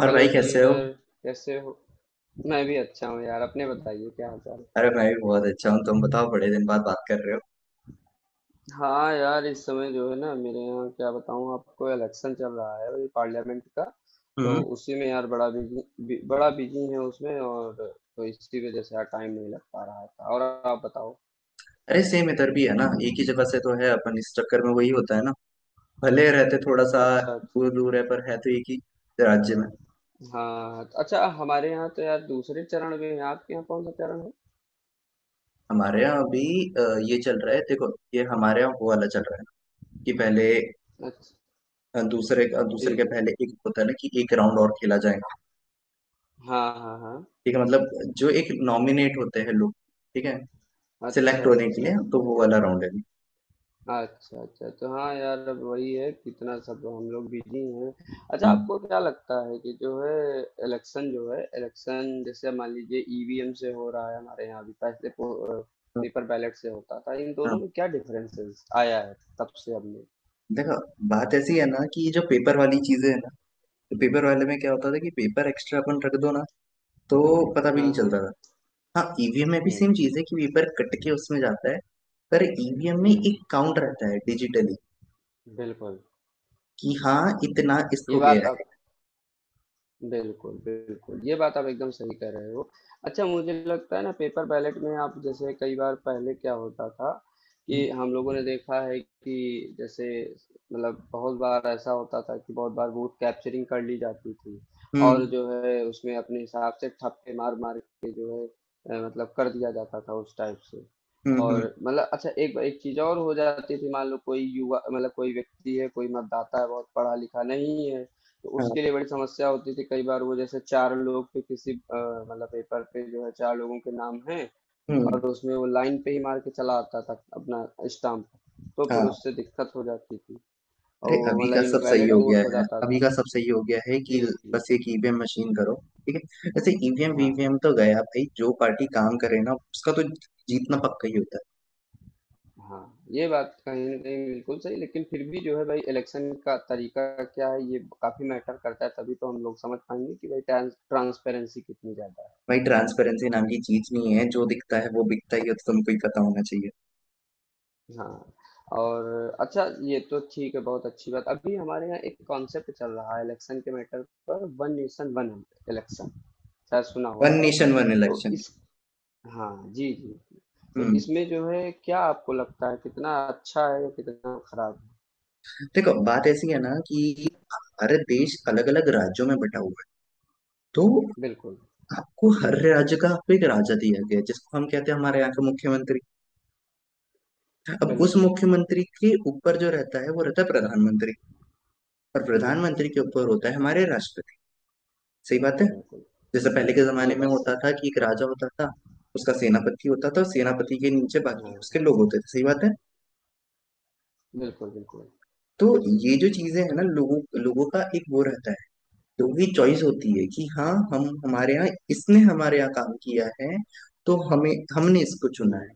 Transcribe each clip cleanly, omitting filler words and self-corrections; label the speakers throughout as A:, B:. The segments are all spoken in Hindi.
A: और
B: हेलो
A: भाई कैसे हो?
B: डियर। कैसे हो? मैं भी अच्छा हूँ यार, अपने बताइए, क्या हाल चाल है?
A: अरे, मैं भी बहुत अच्छा हूँ। तुम बताओ, बड़े दिन बाद बात कर रहे हो।
B: हाँ यार, इस समय जो है ना मेरे यहाँ क्या बताऊँ आपको, इलेक्शन चल रहा है, वही पार्लियामेंट का। तो
A: हम्म।
B: उसी में यार बड़ा बिजी है उसमें, और तो इसी वजह से यार टाइम नहीं लग पा रहा था। और आप बताओ।
A: अरे सेम इधर भी है ना, एक ही जगह से तो है अपन, इस चक्कर में वही होता है ना। भले रहते थोड़ा सा
B: अच्छा, अच्छा।
A: दूर दूर है पर है तो एक ही राज्य में।
B: हाँ, अच्छा। हमारे यहाँ तो यार दूसरे चरण में है, आपके यहाँ कौन सा चरण है?
A: हमारे यहाँ अभी अ, ये चल रहा है। देखो, ये हमारे यहाँ वो वाला चल रहा है कि पहले
B: अच्छा।
A: दूसरे
B: जी,
A: दूसरे के
B: जी।
A: पहले एक होता है ना, कि एक राउंड और खेला जाएगा।
B: हाँ, हाँ, हाँ।
A: ठीक है, मतलब जो एक नॉमिनेट होते हैं लोग, ठीक है, सिलेक्ट
B: अच्छा,
A: होने के लिए
B: अच्छा।
A: तो वो वाला राउंड है।
B: अच्छा, अच्छा, तो हाँ यार, अब वही है, कितना सब हम लोग बिजी हैं। अच्छा,
A: हम्म,
B: आपको क्या लगता है कि जो है इलेक्शन जैसे मान लीजिए ईवीएम से हो रहा है हमारे यहाँ? अभी पहले पेपर बैलेट से होता था, इन दोनों
A: हाँ।
B: में क्या डिफरेंसेस आया है तब से अब में?
A: देखो, बात ऐसी है ना कि ये जो पेपर वाली चीजें है ना, तो पेपर वाले में क्या होता था कि पेपर एक्स्ट्रा अपन रख दो ना, तो पता भी नहीं
B: हाँ,
A: चलता
B: हाँ।
A: था। हाँ, ईवीएम में भी सेम
B: हम्म,
A: चीज है कि पेपर कट के उसमें जाता है, पर ईवीएम में एक
B: हम्म।
A: काउंट रहता है डिजिटली
B: बिल्कुल।
A: कि हाँ, इतना
B: ये
A: इसको
B: बात
A: गया
B: आप
A: है।
B: बिल्कुल, बिल्कुल। ये बात आप एकदम सही कह रहे हो। अच्छा, मुझे लगता है ना पेपर बैलेट में आप जैसे कई बार पहले क्या होता था कि हम लोगों ने देखा है कि जैसे मतलब बहुत बार ऐसा होता था कि बहुत बार वोट कैप्चरिंग कर ली जाती थी,
A: हम्म,
B: और जो है उसमें अपने हिसाब से ठप्पे मार-मार के जो है मतलब कर दिया जाता था उस टाइप से।
A: हम्म,
B: और
A: हम्म।
B: मतलब अच्छा, एक एक चीज़ और हो जाती थी, मान लो कोई युवा मतलब कोई व्यक्ति है, कोई मतदाता है, बहुत पढ़ा-लिखा नहीं है। तो
A: हाँ,
B: उसके लिए बड़ी समस्या होती थी, कई बार वो जैसे चार लोग पे किसी मतलब पेपर पे जो है चार लोगों के नाम हैं। और
A: हम्म,
B: उसमें वो लाइन पे ही मार के चला आता था अपना स्टाम्प। तो फिर
A: हाँ।
B: उससे दिक्कत हो जाती थी, और
A: अरे,
B: वो
A: अभी
B: मतलब
A: का सब सही
B: इनवैलिड
A: हो
B: वोट
A: गया
B: हो
A: है,
B: जाता
A: अभी
B: था।
A: का सब सही हो गया है,
B: जी,
A: कि
B: जी।
A: बस एक ईवीएम मशीन करो। ठीक है, वैसे ईवीएम
B: हाँ,
A: वीवीएम तो गया भाई, जो पार्टी काम करे ना उसका तो जीतना पक्का ही होता है।
B: हाँ। ये बात कहीं ना कहीं बिल्कुल सही, लेकिन फिर भी जो है भाई इलेक्शन का तरीका क्या है ये काफी मैटर करता है। तभी तो हम लोग समझ पाएंगे कि भाई ट्रांसपेरेंसी कितनी ज्यादा है।
A: भाई, ट्रांसपेरेंसी नाम की चीज नहीं है। जो दिखता है वो बिकता ही है, तो तुमको ही पता होना चाहिए।
B: हाँ। और अच्छा, ये तो ठीक है, बहुत अच्छी बात। अभी हमारे यहाँ एक कॉन्सेप्ट चल रहा है इलेक्शन के मैटर पर, वन नेशन वन इलेक्शन, शायद सुना हो
A: वन
B: आपने।
A: नेशन वन
B: तो
A: इलेक्शन।
B: इस हाँ, जी, जी। तो
A: हम्म।
B: इसमें जो है, क्या आपको लगता है कितना अच्छा है या कितना खराब है?
A: देखो, बात ऐसी है ना कि भारत देश अलग अलग राज्यों में बटा हुआ है, तो
B: बिल्कुल,
A: आपको हर राज्य का आपको एक राजा दिया गया है, जिसको हम कहते हैं हमारे यहाँ का मुख्यमंत्री। अब उस
B: बिल्कुल,
A: मुख्यमंत्री के ऊपर जो रहता है वो रहता है प्रधानमंत्री, और
B: बिल्कुल,
A: प्रधानमंत्री के ऊपर होता है हमारे राष्ट्रपति। सही बात है।
B: बिल्कुल।
A: जैसे पहले के
B: जी, ये
A: जमाने में
B: बात
A: होता
B: सही
A: था कि एक राजा होता था, उसका सेनापति होता था, और सेनापति के नीचे
B: है।
A: बाकी
B: हाँ,
A: उसके लोग होते थे। सही बात है।
B: बिल्कुल, बिल्कुल।
A: तो ये जो चीजें है ना, लोगों लोगों का एक वो रहता है, लोगों की चॉइस होती है कि हाँ,
B: हम्म,
A: हम हमारे यहाँ इसने हमारे यहाँ काम किया है, तो हमें हमने इसको चुना
B: हम्म।
A: है,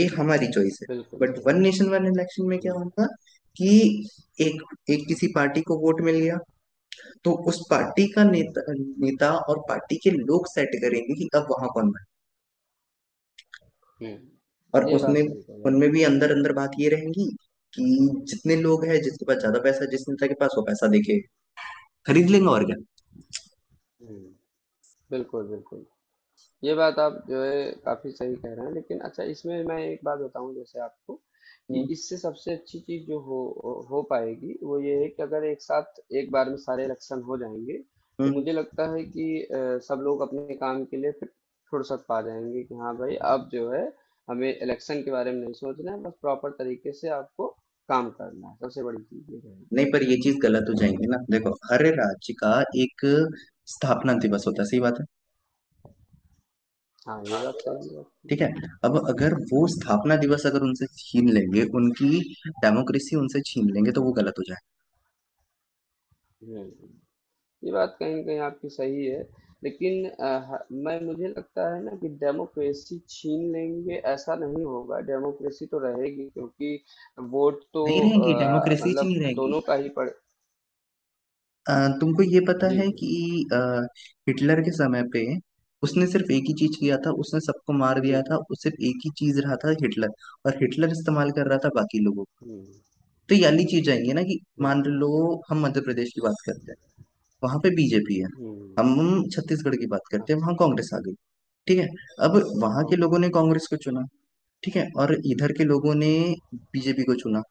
A: ये हमारी चॉइस है।
B: बिल्कुल
A: बट
B: सही
A: वन
B: बात।
A: नेशन वन इलेक्शन में क्या
B: हम्म,
A: होगा कि एक एक किसी पार्टी को वोट मिल गया, तो उस पार्टी का
B: हम्म,
A: नेता नेता और पार्टी के लोग सेट करेंगे कि अब वहां कौन बने।
B: हम्म।
A: और
B: ये बात
A: उसमें
B: सही कही
A: उनमें
B: आपने।
A: भी अंदर अंदर बात ये रहेगी कि जितने लोग हैं जिसके पास ज्यादा पैसा है, जिस नेता के पास, वो पैसा देके खरीद लेंगे और क्या।
B: हम्म। बिल्कुल, बिल्कुल। ये बात आप जो है काफी सही कह रहे हैं, लेकिन अच्छा इसमें मैं एक बात बताऊं जैसे आपको, कि इससे सबसे अच्छी चीज जो हो पाएगी वो ये है कि अगर एक साथ एक बार में सारे इलेक्शन हो जाएंगे। तो
A: हम्म।
B: मुझे लगता है कि सब लोग अपने काम के लिए फिर फुर्सत पा जाएंगे कि हाँ भाई, अब जो है हमें इलेक्शन के बारे में नहीं सोचना है, बस प्रॉपर तरीके से आपको काम करना है। सबसे बड़ी चीज ये रहेगी।
A: नहीं, पर ये चीज गलत हो जाएंगी ना। देखो, हर राज्य का एक स्थापना दिवस होता है, सही बात है।
B: हाँ, ये बात सही है आपकी।
A: ठीक है, अब अगर वो स्थापना दिवस अगर उनसे छीन लेंगे, उनकी डेमोक्रेसी उनसे छीन लेंगे, तो वो गलत हो जाए।
B: हम्म, ये बात कहीं न कहीं आपकी सही है, लेकिन अ, ह मैं मुझे लगता है ना कि डेमोक्रेसी छीन लेंगे ऐसा नहीं होगा, डेमोक्रेसी तो रहेगी, क्योंकि वोट तो
A: नहीं रहेंगी, डेमोक्रेसी ही
B: मतलब
A: नहीं रहेंगी।
B: दोनों का ही पड़।
A: अ, तुमको ये पता
B: जी,
A: है
B: जी।
A: कि अ, हिटलर के समय पे उसने सिर्फ एक ही चीज किया था, उसने सबको मार दिया
B: जी,
A: था,
B: जी।
A: उस सिर्फ एक ही चीज रहा था हिटलर, और हिटलर इस्तेमाल कर रहा था बाकी लोगों को।
B: हुँ,
A: तो ये वाली चीज आएंगी ना कि मान
B: बिल्कुल।
A: लो हम मध्य प्रदेश की बात करते हैं, वहां पे बीजेपी है।
B: हुँ,
A: हम छत्तीसगढ़ की बात करते हैं,
B: अच्छा,
A: वहां कांग्रेस आ गई, ठीक है। अब वहां के
B: ओके।
A: लोगों ने कांग्रेस को चुना, ठीक है, और इधर के लोगों ने बीजेपी को चुना।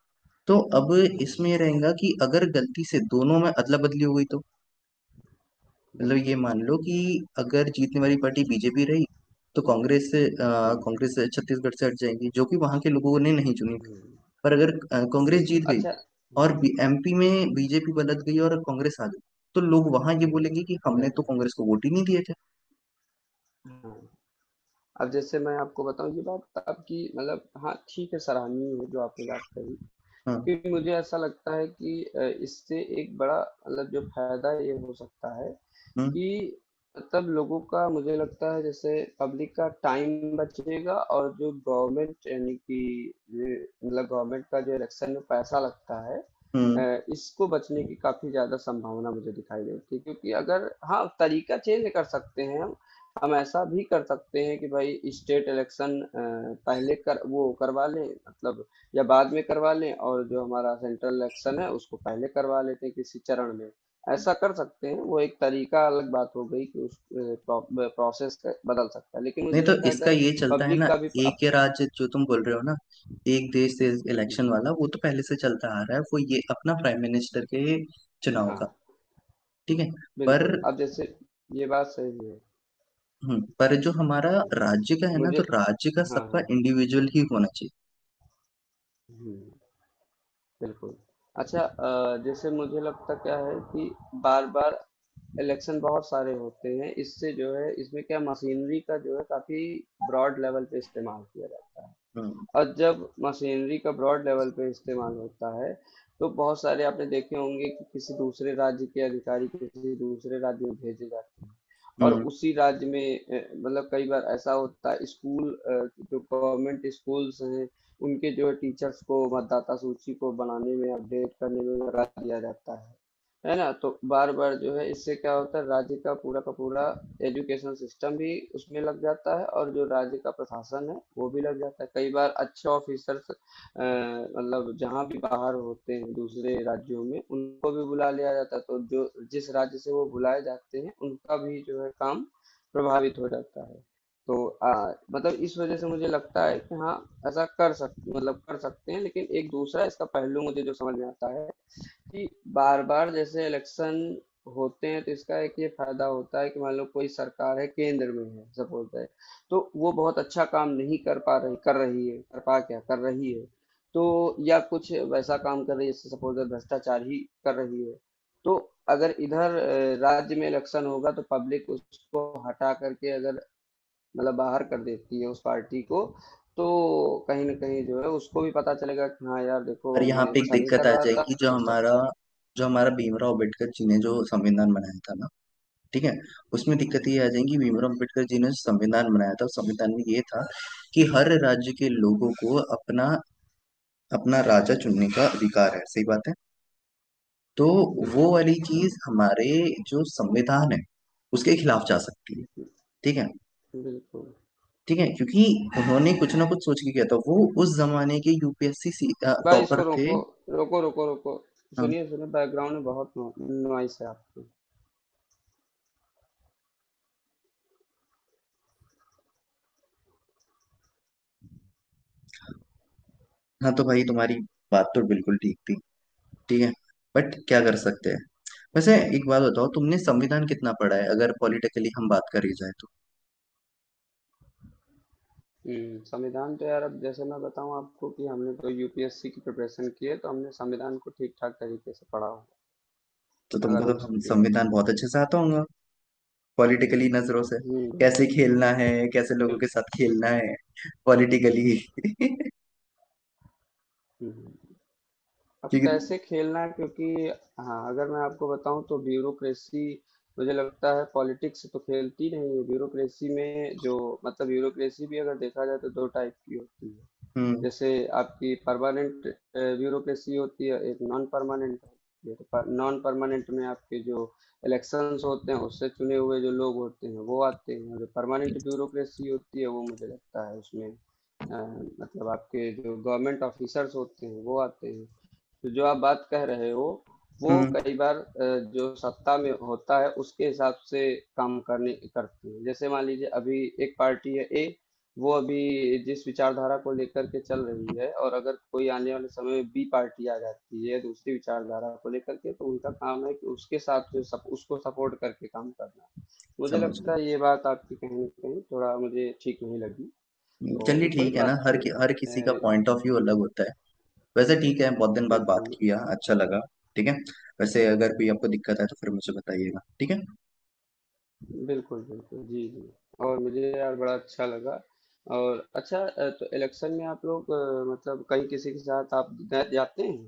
A: तो अब इसमें
B: हुँ,
A: ये रहेगा कि अगर गलती से दोनों में अदला बदली हो गई तो, मतलब ये
B: बिल्कुल।
A: मान लो कि अगर जीतने वाली पार्टी बीजेपी रही, तो कांग्रेस अ,
B: हुँ,
A: कांग्रेस छत्तीसगढ़ से हट जाएगी जो कि वहां के लोगों ने नहीं चुनी।
B: हुँ,
A: पर अगर कांग्रेस
B: बिल्कुल।
A: जीत गई
B: अच्छा।
A: और
B: हुँ,
A: एमपी में बीजेपी बदल गई और कांग्रेस आ गई, तो लोग वहां ये
B: हुँ,
A: बोलेंगे कि हमने तो
B: बिल्कुल।
A: कांग्रेस को वोट ही नहीं दिए थे।
B: हाँ, अब जैसे मैं आपको बताऊँ, ये बात आपकी मतलब हाँ, ठीक है, सराहनीय है जो आपने बात कही।
A: हाँ,
B: क्योंकि मुझे ऐसा लगता है कि इससे एक बड़ा मतलब जो फ़ायदा ये हो सकता है
A: हम्म,
B: कि मतलब लोगों का, मुझे लगता है जैसे पब्लिक का टाइम बचेगा, और जो गवर्नमेंट यानी कि ये मतलब गवर्नमेंट का जो इलेक्शन में पैसा लगता है।
A: हम्म।
B: इसको बचने की काफी ज्यादा संभावना मुझे दिखाई देती है, क्योंकि अगर हाँ तरीका चेंज कर सकते हैं हम। हम ऐसा भी कर सकते हैं कि भाई स्टेट इलेक्शन पहले कर वो करवा लें, मतलब या बाद में करवा लें, और जो हमारा सेंट्रल इलेक्शन है उसको पहले करवा लेते हैं किसी चरण में। ऐसा कर सकते हैं, वो एक तरीका। अलग बात हो गई कि उस प्रोसेस बदल सकता है, लेकिन
A: नहीं,
B: मुझे
A: तो
B: लगता है
A: इसका
B: अगर
A: ये चलता है
B: पब्लिक
A: ना,
B: का भी अब,
A: एक ये राज्य जो तुम बोल रहे हो ना, एक देश देश इलेक्शन
B: हम्म,
A: वाला वो तो पहले से चलता आ रहा है, वो ये अपना प्राइम मिनिस्टर के चुनाव का,
B: हाँ,
A: ठीक है। पर
B: बिल्कुल, अब जैसे, ये बात सही है।
A: पर जो हमारा राज्य का है ना,
B: मुझे,
A: तो राज्य का
B: हाँ,
A: सबका
B: हाँ।
A: इंडिविजुअल ही होना चाहिए।
B: हम्म, बिल्कुल। अच्छा, जैसे मुझे लगता क्या है कि बार बार इलेक्शन बहुत सारे होते हैं, इससे जो है इसमें क्या मशीनरी का जो है काफी ब्रॉड लेवल पे इस्तेमाल किया जाता है।
A: हम्म,
B: और जब मशीनरी का ब्रॉड लेवल पे इस्तेमाल होता है, तो बहुत सारे आपने देखे होंगे कि किसी दूसरे राज्य के अधिकारी किसी दूसरे राज्य में भेजे जाते हैं, और
A: हम्म।
B: उसी राज्य में मतलब कई बार ऐसा होता है स्कूल, जो गवर्नमेंट स्कूल्स हैं, उनके जो है टीचर्स को मतदाता सूची को बनाने में अपडेट करने में लगा दिया जाता है ना। तो बार बार जो है इससे क्या होता है, राज्य का पूरा एजुकेशन सिस्टम भी उसमें लग जाता है, और जो राज्य का प्रशासन है वो भी लग जाता है। कई बार अच्छे ऑफिसर्स, मतलब जहाँ भी बाहर होते हैं दूसरे राज्यों में, उनको भी बुला लिया जाता है, तो जो जिस राज्य से वो बुलाए जाते हैं उनका भी जो है काम प्रभावित हो जाता है। तो मतलब इस वजह से मुझे लगता है कि हाँ, ऐसा कर सक मतलब कर सकते हैं, लेकिन एक दूसरा इसका पहलू मुझे जो समझ में आता है कि बार-बार जैसे इलेक्शन होते हैं, तो इसका एक ये फायदा होता है कि मान लो कोई सरकार है केंद्र में है सपोज दैट, तो वो बहुत अच्छा काम नहीं कर पा रही, कर रही है, कर पा क्या कर रही है, तो या कुछ वैसा काम कर रही है जैसे सपोज दैट भ्रष्टाचार ही कर रही है। तो अगर इधर राज्य में इलेक्शन होगा, तो पब्लिक उसको हटा करके अगर मतलब बाहर कर देती है उस पार्टी को, तो कहीं ना कहीं जो है उसको भी पता चलेगा कि हाँ यार
A: पर
B: देखो,
A: यहाँ
B: मैं
A: पे एक
B: अच्छा नहीं
A: दिक्कत
B: कर
A: आ
B: रहा था,
A: जाएगी, जो हमारा
B: भ्रष्टाचार।
A: जो हमारा भीमराव अंबेडकर जी ने जो संविधान बनाया था ना, ठीक है, उसमें दिक्कत
B: हाँ,
A: ये आ जाएगी। भीमराव अंबेडकर जी ने जो संविधान बनाया था, उस संविधान में ये था कि हर राज्य के लोगों को अपना अपना राजा चुनने का अधिकार है, सही बात है। तो वो
B: बिल्कुल,
A: वाली चीज हमारे जो संविधान है उसके खिलाफ जा सकती है, ठीक है।
B: बिल्कुल।
A: ठीक है, क्योंकि उन्होंने कुछ ना कुछ सोच के किया था वो, उस जमाने के यूपीएससी
B: भाई
A: टॉपर
B: इसको
A: थे।
B: रोको, रोको, रोको, रोको।
A: हाँ,
B: सुनिए, सुनिए, बैकग्राउंड में बहुत नो नॉइस है आपकी।
A: हाँ, तो भाई तुम्हारी बात तो बिल्कुल ठीक थी, ठीक है, बट क्या कर सकते हैं। वैसे एक बात बताओ, तुमने संविधान कितना पढ़ा है, अगर पॉलिटिकली हम बात करी जाए तो?
B: हुँ, संविधान तो यार अब जैसे मैं बताऊँ आपको कि हमने तो यूपीएससी की प्रिपरेशन की है, तो हमने संविधान को ठीक-ठाक तरीके से पढ़ा होगा,
A: तो
B: अगर
A: तुमको तो
B: हम
A: हम
B: उसकी बात
A: संविधान
B: करें।
A: बहुत अच्छे से आता होगा, पॉलिटिकली नजरों से
B: हुँ,
A: कैसे खेलना है, कैसे लोगों
B: बिल
A: के साथ खेलना है, पॉलिटिकली।
B: हुँ, हुँ। अब
A: क्योंकि
B: कैसे खेलना है, क्योंकि हाँ, अगर मैं आपको बताऊँ तो ब्यूरोक्रेसी, मुझे लगता है पॉलिटिक्स तो खेलती नहीं है। ब्यूरोक्रेसी में जो मतलब, ब्यूरोक्रेसी भी अगर देखा जाए तो 2 टाइप की होती है।
A: हम्म,
B: जैसे आपकी परमानेंट ब्यूरोक्रेसी होती है, एक नॉन परमानेंट होती है। नॉन परमानेंट में आपके जो इलेक्शंस होते हैं उससे चुने हुए जो लोग होते हैं वो आते हैं। जो परमानेंट ब्यूरोक्रेसी होती है वो, मुझे लगता है उसमें मतलब आपके जो गवर्नमेंट ऑफिसर्स होते हैं वो आते हैं। तो जो आप बात कह रहे हो वो
A: हम्म,
B: कई बार जो सत्ता में होता है उसके हिसाब से काम करने करती है। जैसे मान लीजिए अभी एक पार्टी है ए, वो अभी जिस विचारधारा को लेकर के चल रही है, और अगर कोई आने वाले समय में बी पार्टी आ जाती है दूसरी विचारधारा को लेकर के, तो उनका काम है कि उसके साथ उसको सपोर्ट करके काम करना। मुझे
A: समझ
B: लगता है ये बात आपकी कहीं ना कहीं थोड़ा मुझे ठीक नहीं लगी,
A: गए।
B: तो ये
A: चलिए
B: कोई
A: ठीक है ना,
B: बात
A: हर
B: नहीं।
A: कि, हर किसी का पॉइंट ऑफ व्यू अलग होता है। वैसे ठीक है, बहुत दिन बाद बात
B: बिल्कुल,
A: किया, अच्छा लगा। ठीक है, वैसे अगर कोई आपको दिक्कत है तो फिर मुझे बताइएगा, ठीक है।
B: बिल्कुल, बिल्कुल। जी, जी। और मुझे यार बड़ा अच्छा लगा। और अच्छा, तो इलेक्शन में आप लोग, मतलब कहीं किसी के साथ आप गए जाते हैं?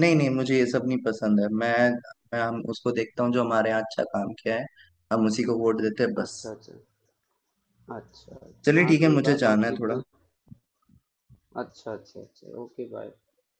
A: नहीं नहीं, मुझे ये सब नहीं पसंद है। मैं हम उसको देखता हूँ जो हमारे यहाँ अच्छा काम किया है, हम उसी को वोट देते हैं बस।
B: अच्छा, अच्छा। अच्छा, अच्छा।
A: चलिए
B: हाँ,
A: ठीक है,
B: तो ये
A: मुझे
B: बात
A: जाना
B: आपकी
A: है थोड़ा।
B: एकदम। अच्छा, अच्छा, अच्छा। Okay, bye.